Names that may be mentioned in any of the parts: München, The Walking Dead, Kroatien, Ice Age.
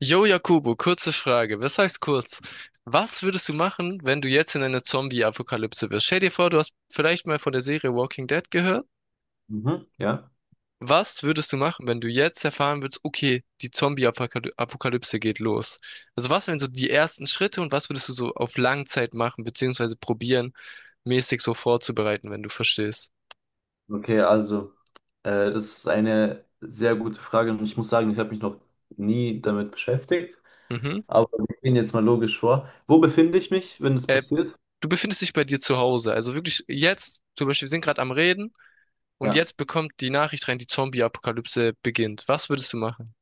Jo, Jakobo, kurze Frage. Was heißt kurz? Was würdest du machen, wenn du jetzt in einer Zombie-Apokalypse wärst? Stell dir vor, du hast vielleicht mal von der Serie Walking Dead gehört. Mhm, ja. Was würdest du machen, wenn du jetzt erfahren würdest, okay, die Zombie-Apokalypse geht los? Also was wären so die ersten Schritte und was würdest du so auf Langzeit machen, beziehungsweise probieren, mäßig so vorzubereiten, wenn du verstehst? Okay, also, das ist eine sehr gute Frage und ich muss sagen, ich habe mich noch nie damit beschäftigt, Mhm. aber wir gehen jetzt mal logisch vor. Wo befinde ich mich, wenn das Äh, passiert? Du befindest dich bei dir zu Hause. Also wirklich jetzt, zum Beispiel, wir sind gerade am Reden. Und Ja. jetzt bekommt die Nachricht rein, die Zombie-Apokalypse beginnt. Was würdest du machen?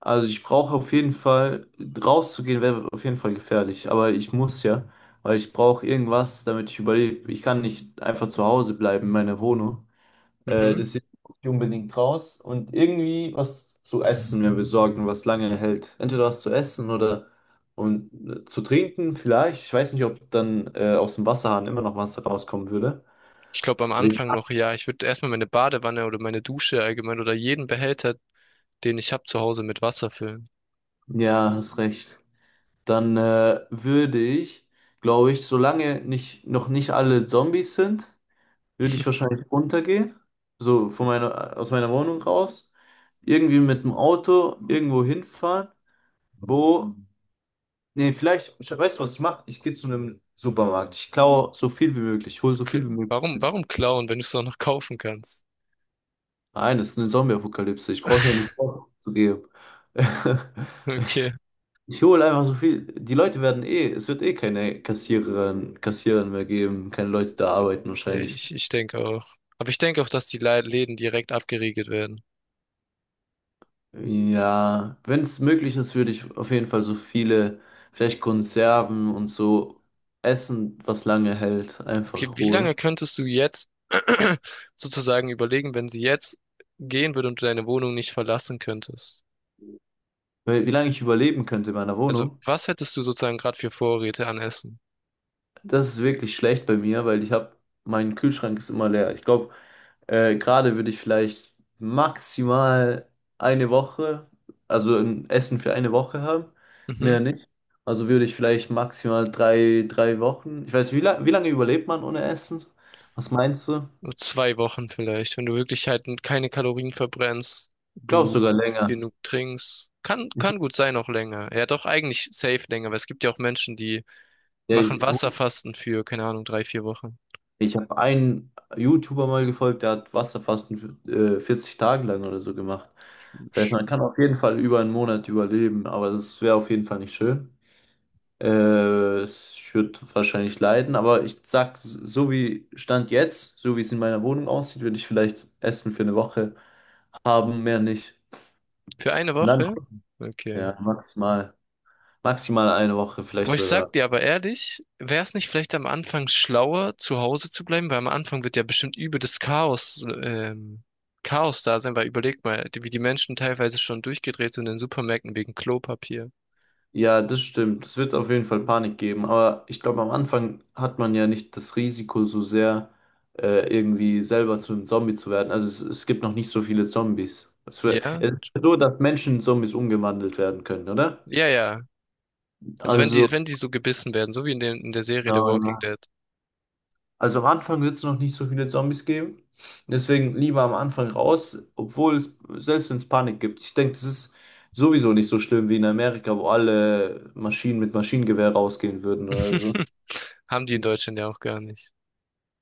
Also ich brauche auf jeden Fall, rauszugehen wäre auf jeden Fall gefährlich, aber ich muss ja, weil ich brauche irgendwas, damit ich überlebe. Ich kann nicht einfach zu Hause bleiben in meiner Wohnung. Mhm. Mhm. Deswegen muss ich unbedingt raus und irgendwie was zu essen mir besorgen, was lange hält. Entweder was zu essen oder und zu trinken vielleicht. Ich weiß nicht, ob dann aus dem Wasserhahn immer noch Wasser rauskommen würde. Ich glaube am Wegen- Anfang noch, ja. Ich würde erstmal meine Badewanne oder meine Dusche allgemein oder jeden Behälter, den ich habe zu Hause mit Wasser füllen. Ja, hast recht. Dann würde ich, glaube ich, solange nicht, noch nicht alle Zombies sind, würde ich wahrscheinlich runtergehen. So von meiner, aus meiner Wohnung raus. Irgendwie mit dem Auto irgendwo hinfahren, wo nee, vielleicht, ich, weißt du, was ich mache? Ich gehe zu einem Supermarkt. Ich klaue so viel wie möglich. Ich hole so viel K- wie möglich. Warum, warum klauen, wenn du es auch noch kaufen kannst? Nein, das ist eine Zombie-Apokalypse. Ich brauche ja nichts zu geben. Okay. Ich hole einfach so viel. Die Leute werden eh, es wird eh keine Kassiererin, Kassierer mehr geben, keine Leute da arbeiten Ja, wahrscheinlich. ich denke auch. Aber ich denke auch, dass die Läden direkt abgeriegelt werden. Ja, wenn es möglich ist, würde ich auf jeden Fall so viele, vielleicht Konserven und so Essen, was lange hält, Okay, einfach wie holen. lange könntest du jetzt sozusagen überlegen, wenn sie jetzt gehen würde und du deine Wohnung nicht verlassen könntest? Weil, wie lange ich überleben könnte in meiner Also, Wohnung. was hättest du sozusagen gerade für Vorräte an Essen? Das ist wirklich schlecht bei mir, weil ich habe, mein Kühlschrank ist immer leer. Ich glaube, gerade würde ich vielleicht maximal eine Woche, also ein Essen für eine Woche haben, Mhm. mehr nicht. Also würde ich vielleicht maximal drei Wochen. Ich weiß, wie, la wie lange überlebt man ohne Essen? Was meinst du? Nur Ich 2 Wochen vielleicht, wenn du wirklich halt keine Kalorien verbrennst, glaube sogar du länger. genug trinkst. Kann, Ich, kann gut sein, auch länger. Ja, doch eigentlich safe länger, weil es gibt ja auch Menschen, die ja, machen ich, Wasserfasten für, keine Ahnung, 3, 4 Wochen. Ich habe einen YouTuber mal gefolgt, der hat Wasserfasten 40 Tage lang oder so gemacht. Das heißt, man kann auf jeden Fall über einen Monat überleben, aber das wäre auf jeden Fall nicht schön. Ich würde wahrscheinlich leiden, aber ich sag, so wie Stand jetzt, so wie es in meiner Wohnung aussieht, würde ich vielleicht Essen für eine Woche haben, mehr nicht. Für eine Und dann, Woche? Okay. ja, maximal, maximal eine Woche, vielleicht Boah, ich sag sogar. dir aber ehrlich, wäre es nicht vielleicht am Anfang schlauer, zu Hause zu bleiben? Weil am Anfang wird ja bestimmt übel das Chaos, Chaos da sein, weil überleg mal, wie die Menschen teilweise schon durchgedreht sind in Supermärkten wegen Klopapier. Ja, das stimmt. Es wird auf jeden Fall Panik geben, aber ich glaube, am Anfang hat man ja nicht das Risiko so sehr, irgendwie selber zu einem Zombie zu werden. Also es gibt noch nicht so viele Zombies. Es wär, Ja? es ist ja so, dass Menschen in Zombies umgewandelt werden können, oder? Ja, ja. Also wenn Also, die, wenn die so gebissen werden, so wie in der Serie na, The Walking ja. Dead, Also am Anfang wird es noch nicht so viele Zombies geben. Deswegen lieber am Anfang raus, obwohl es, selbst wenn es Panik gibt. Ich denke, das ist sowieso nicht so schlimm wie in Amerika, wo alle Maschinen mit Maschinengewehr rausgehen würden oder so. haben die in Deutschland ja auch gar nicht.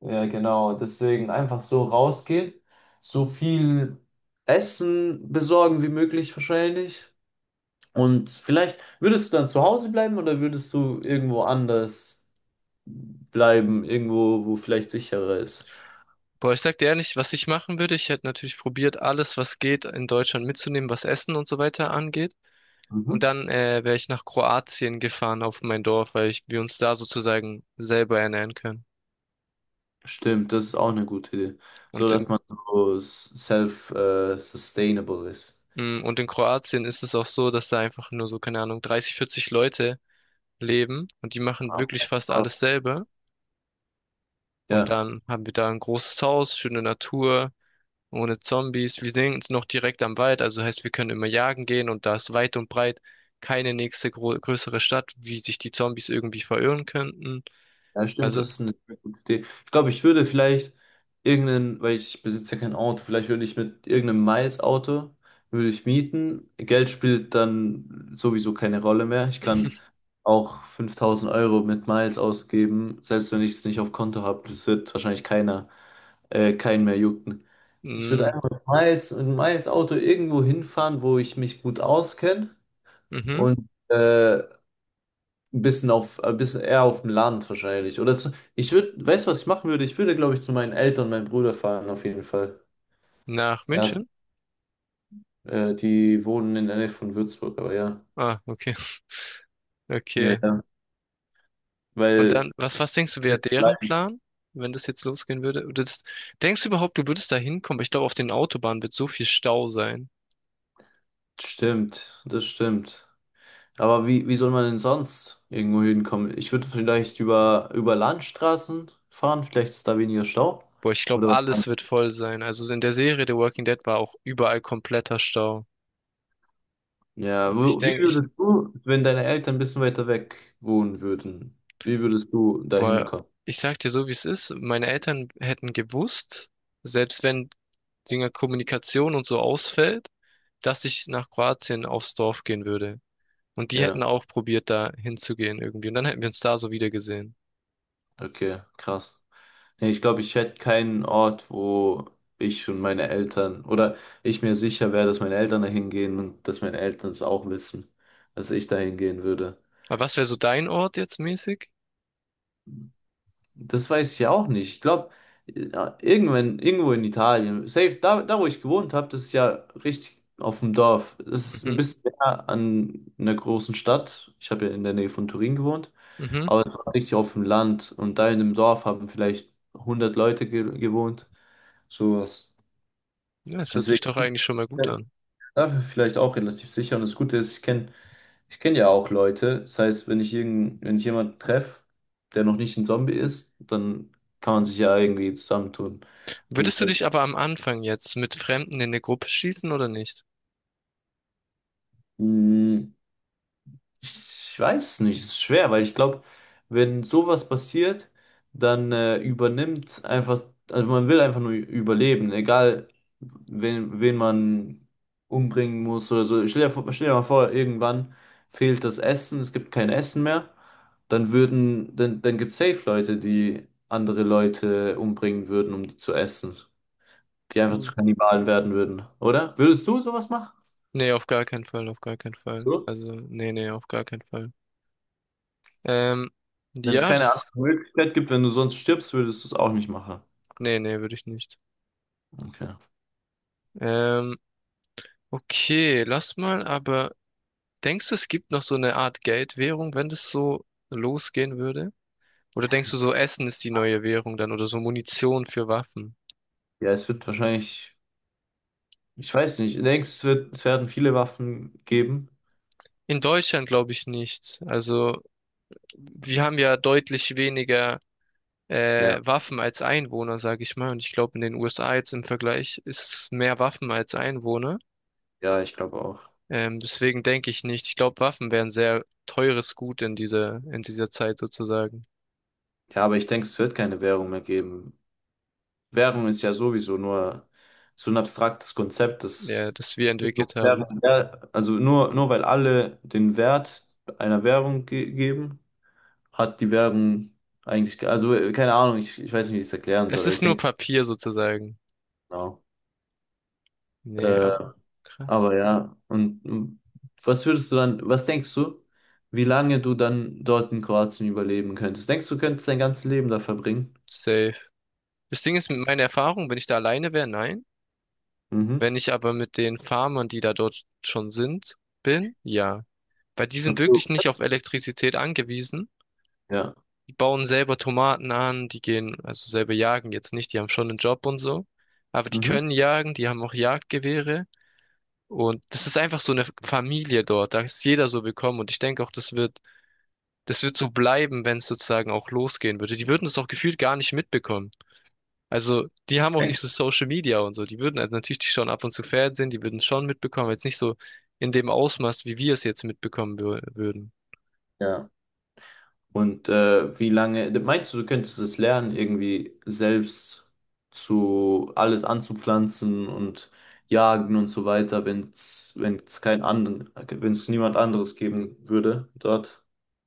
Ja, genau. Deswegen einfach so rausgehen, so viel Essen besorgen wie möglich wahrscheinlich. Und vielleicht würdest du dann zu Hause bleiben oder würdest du irgendwo anders bleiben, irgendwo, wo vielleicht sicherer ist? Boah, ich sag dir ehrlich, was ich machen würde, ich hätte natürlich probiert, alles, was geht, in Deutschland mitzunehmen, was Essen und so weiter angeht. Und Mhm. dann wäre ich nach Kroatien gefahren auf mein Dorf, weil ich, wir uns da sozusagen selber ernähren können. Stimmt, das ist auch eine gute Idee. So Und in, dass man so self, sustainable ist. Und in Kroatien ist es auch so, dass da einfach nur so, keine Ahnung, 30, 40 Leute leben und die machen Ah, wirklich fast alles selber. Und ja. dann haben wir da ein großes Haus, schöne Natur, ohne Zombies. Wir sind noch direkt am Wald, also heißt, wir können immer jagen gehen und da ist weit und breit keine nächste gro größere Stadt, wie sich die Zombies irgendwie verirren könnten. Ja, stimmt, Also, das ist eine sehr gute Idee. Ich glaube, ich würde vielleicht irgendeinen, weil ich besitze ja kein Auto, vielleicht würde ich mit irgendeinem Miles-Auto, würde ich mieten. Geld spielt dann sowieso keine Rolle mehr. Ich kann auch 5.000 € mit Miles ausgeben, selbst wenn ich es nicht auf Konto habe. Das wird wahrscheinlich keiner, keinen mehr jucken. Ich würde mm, einfach mit Miles, mit Miles-Auto irgendwo hinfahren, wo ich mich gut auskenne mhm. und ein bisschen auf, ein bisschen eher auf dem Land wahrscheinlich. Oder zu, ich würde, weißt du, was ich machen würde? Ich würde, glaube ich, zu meinen Eltern und meinem Bruder fahren, auf jeden Fall. Nach Ja, München. Die wohnen in der Nähe von Würzburg, aber ja. Ah, okay. Ja, Okay. ja. Und Weil, dann, was denkst du, wäre deren Plan, wenn das jetzt losgehen würde? Oder das, denkst du überhaupt, du würdest da hinkommen? Aber ich glaube, auf den Autobahnen wird so viel Stau sein. stimmt, das stimmt. Aber wie, wie soll man denn sonst irgendwo hinkommen? Ich würde vielleicht über, über Landstraßen fahren, vielleicht ist da weniger Stau. Boah, ich glaube, Oder was alles meinst wird voll sein. Also in der Serie The Walking Dead war auch überall kompletter Stau. du? Ja, Und ich wo, wie denke, ich, würdest du, wenn deine Eltern ein bisschen weiter weg wohnen würden, wie würdest du da boah, hinkommen? ich sag dir so, wie es ist. Meine Eltern hätten gewusst, selbst wenn Dinger Kommunikation und so ausfällt, dass ich nach Kroatien aufs Dorf gehen würde. Und die hätten Ja. auch probiert, da hinzugehen irgendwie. Und dann hätten wir uns da so wieder gesehen. Okay, krass. Nee, ich glaube, ich hätte keinen Ort, wo ich und meine Eltern oder ich mir sicher wäre, dass meine Eltern da hingehen und dass meine Eltern es auch wissen, dass ich da hingehen würde. Aber was wäre so Das, dein Ort jetzt mäßig? das weiß ich ja auch nicht. Ich glaube, irgendwann, irgendwo in Italien, safe, da, da wo ich gewohnt habe, das ist ja richtig auf dem Dorf. Das ist ein Mhm, bisschen näher an einer großen Stadt. Ich habe ja in der Nähe von Turin gewohnt, mhm. aber es war richtig auf dem Land und da in dem Dorf haben vielleicht 100 Leute ge gewohnt. Sowas. Ja, es hört sich Deswegen doch eigentlich schon mal gut ja, an. dafür vielleicht auch relativ sicher. Und das Gute ist, ich kenn ja auch Leute. Das heißt, wenn ich irgend, wenn ich jemanden treffe, der noch nicht ein Zombie ist, dann kann man sich ja irgendwie zusammentun. Würdest du Gegenseitig. dich aber am Anfang jetzt mit Fremden in eine Gruppe schließen oder nicht? Ich weiß nicht, ist schwer, weil ich glaube, wenn sowas passiert, dann übernimmt einfach, also man will einfach nur überleben, egal wen, wen man umbringen muss oder so. Stell dir mal vor, irgendwann fehlt das Essen, es gibt kein Essen mehr, dann würden, dann, dann gibt es safe Leute, die andere Leute umbringen würden, um die zu essen, die einfach Puh. zu Kannibalen werden würden, oder? Würdest du sowas machen? Nee, auf gar keinen Fall, auf gar keinen Fall. So? Also, nee, nee, auf gar keinen Fall. Ähm, Wenn es ja, keine andere das, Möglichkeit gibt, wenn du sonst stirbst, würdest du es auch nicht machen. nee, nee, würde ich nicht. Okay. Ähm, okay, lass mal, aber denkst du, es gibt noch so eine Art Geldwährung, wenn das so losgehen würde? Oder denkst du so, Essen ist die neue Währung dann oder so Munition für Waffen? Ja, es wird wahrscheinlich, ich weiß nicht, ich denke, es wird, es werden viele Waffen geben. In Deutschland glaube ich nicht. Also wir haben ja deutlich weniger Ja, Waffen als Einwohner, sage ich mal. Und ich glaube, in den USA jetzt im Vergleich ist es mehr Waffen als Einwohner. ja, ich glaube auch. Deswegen denke ich nicht. Ich glaube, Waffen wären sehr teures Gut in in dieser Zeit sozusagen, Ja, aber ich denke, es wird keine Währung mehr geben. Währung ist ja sowieso nur so ein abstraktes Konzept, ja, das das wir entwickelt haben. Währung, ja, also nur, nur weil alle den Wert einer Währung ge geben, hat die Währung eigentlich, also keine Ahnung, ich weiß nicht, wie ich es erklären soll, Es aber ich ist nur denke, Papier sozusagen. genau. Nee, Äh, aber aber krass. ja, und mm, was würdest du dann, was denkst du, wie lange du dann dort in Kroatien überleben könntest? Denkst du, könntest dein ganzes Leben da verbringen? Safe. Das Ding ist, mit meiner Erfahrung, wenn ich da alleine wäre, nein. Mhm. Wenn ich aber mit den Farmern, die da dort schon sind, bin, ja. Weil die sind Okay. wirklich nicht auf Elektrizität angewiesen. Ja. Die bauen selber Tomaten an, die gehen, also selber jagen jetzt nicht, die haben schon einen Job und so. Aber die Mhm. können jagen, die haben auch Jagdgewehre. Und das ist einfach so eine Familie dort. Da ist jeder so willkommen. Und ich denke auch, das wird so bleiben, wenn es sozusagen auch losgehen würde. Die würden es auch gefühlt gar nicht mitbekommen. Also, die haben auch Okay. nicht so Social Media und so. Die würden, also natürlich, die schauen ab und zu Fernsehen, die würden es schon mitbekommen, jetzt nicht so in dem Ausmaß, wie wir es jetzt mitbekommen würden. Ja. Und wie lange, meinst du, du könntest es lernen, irgendwie selbst zu alles anzupflanzen und jagen und so weiter, wenn es wenn es kein anderen, wenn es niemand anderes geben würde dort?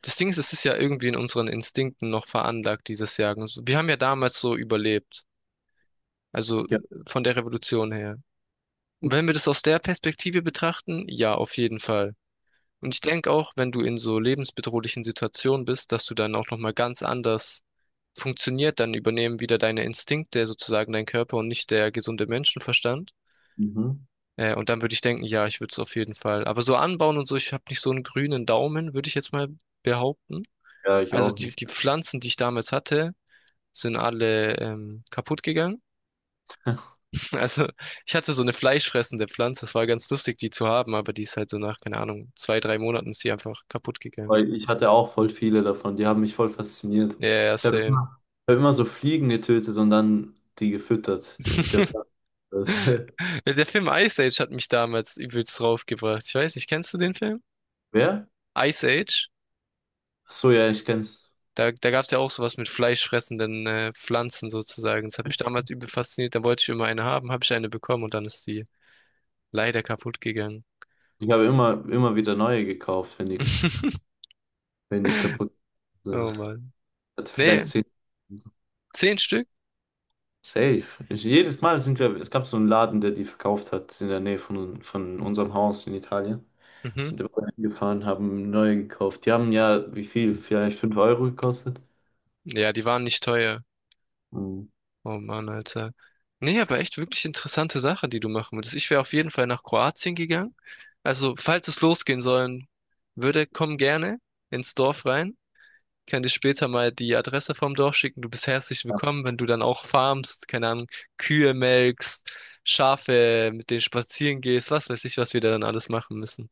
Das Ding ist, es ist ja irgendwie in unseren Instinkten noch veranlagt, dieses Jagen. So, wir haben ja damals so überlebt. Also Ja. von der Revolution her. Und wenn wir das aus der Perspektive betrachten, ja, auf jeden Fall. Und ich denke auch, wenn du in so lebensbedrohlichen Situationen bist, dass du dann auch nochmal ganz anders funktioniert, dann übernehmen wieder deine Instinkte sozusagen dein Körper und nicht der gesunde Menschenverstand. Mhm. Und dann würde ich denken, ja, ich würde es auf jeden Fall. Aber so anbauen und so, ich habe nicht so einen grünen Daumen, würde ich jetzt mal behaupten. Ja, ich Also auch nicht. die Pflanzen, die ich damals hatte, sind alle kaputt gegangen. Also ich hatte so eine fleischfressende Pflanze, es war ganz lustig, die zu haben, aber die ist halt so nach, keine Ahnung, 2, 3 Monaten ist sie einfach kaputt gegangen. Weil ich hatte auch voll viele davon. Die haben mich voll fasziniert. Ja, yeah, Ich habe immer, ich hab immer so Fliegen getötet und dann die gefüttert. Der, der, der Film Ice Age hat mich damals übelst draufgebracht. Ich weiß nicht, kennst du den Film? wer? Ice Age? Ach so, ja, ich kenn's. Da, da gab es ja auch sowas mit fleischfressenden Pflanzen sozusagen. Das hat mich damals übel fasziniert. Da wollte ich immer eine haben, habe ich eine bekommen und dann ist die leider kaputt gegangen. Ich habe immer, immer wieder neue gekauft, wenn die, wenn die kaputt sind. Ich Oh Mann. hatte Nee, vielleicht 10. 10 Stück? Safe. Ich, jedes Mal sind wir, es gab so einen Laden, der die verkauft hat in der Nähe von unserem Haus in Italien. Mhm. Sind wir hingefahren, haben neue gekauft. Die haben ja, wie viel? Vielleicht 5 € gekostet. Ja, die waren nicht teuer. Mhm. Oh Mann, Alter. Nee, aber echt wirklich interessante Sache, die du machen würdest. Ich wäre auf jeden Fall nach Kroatien gegangen. Also, falls es losgehen sollen würde, komm gerne ins Dorf rein. Ich kann dir später mal die Adresse vom Dorf schicken. Du bist herzlich willkommen, wenn du dann auch farmst, keine Ahnung, Kühe melkst, Schafe, mit denen spazieren gehst, was weiß ich, was wir da dann alles machen müssen.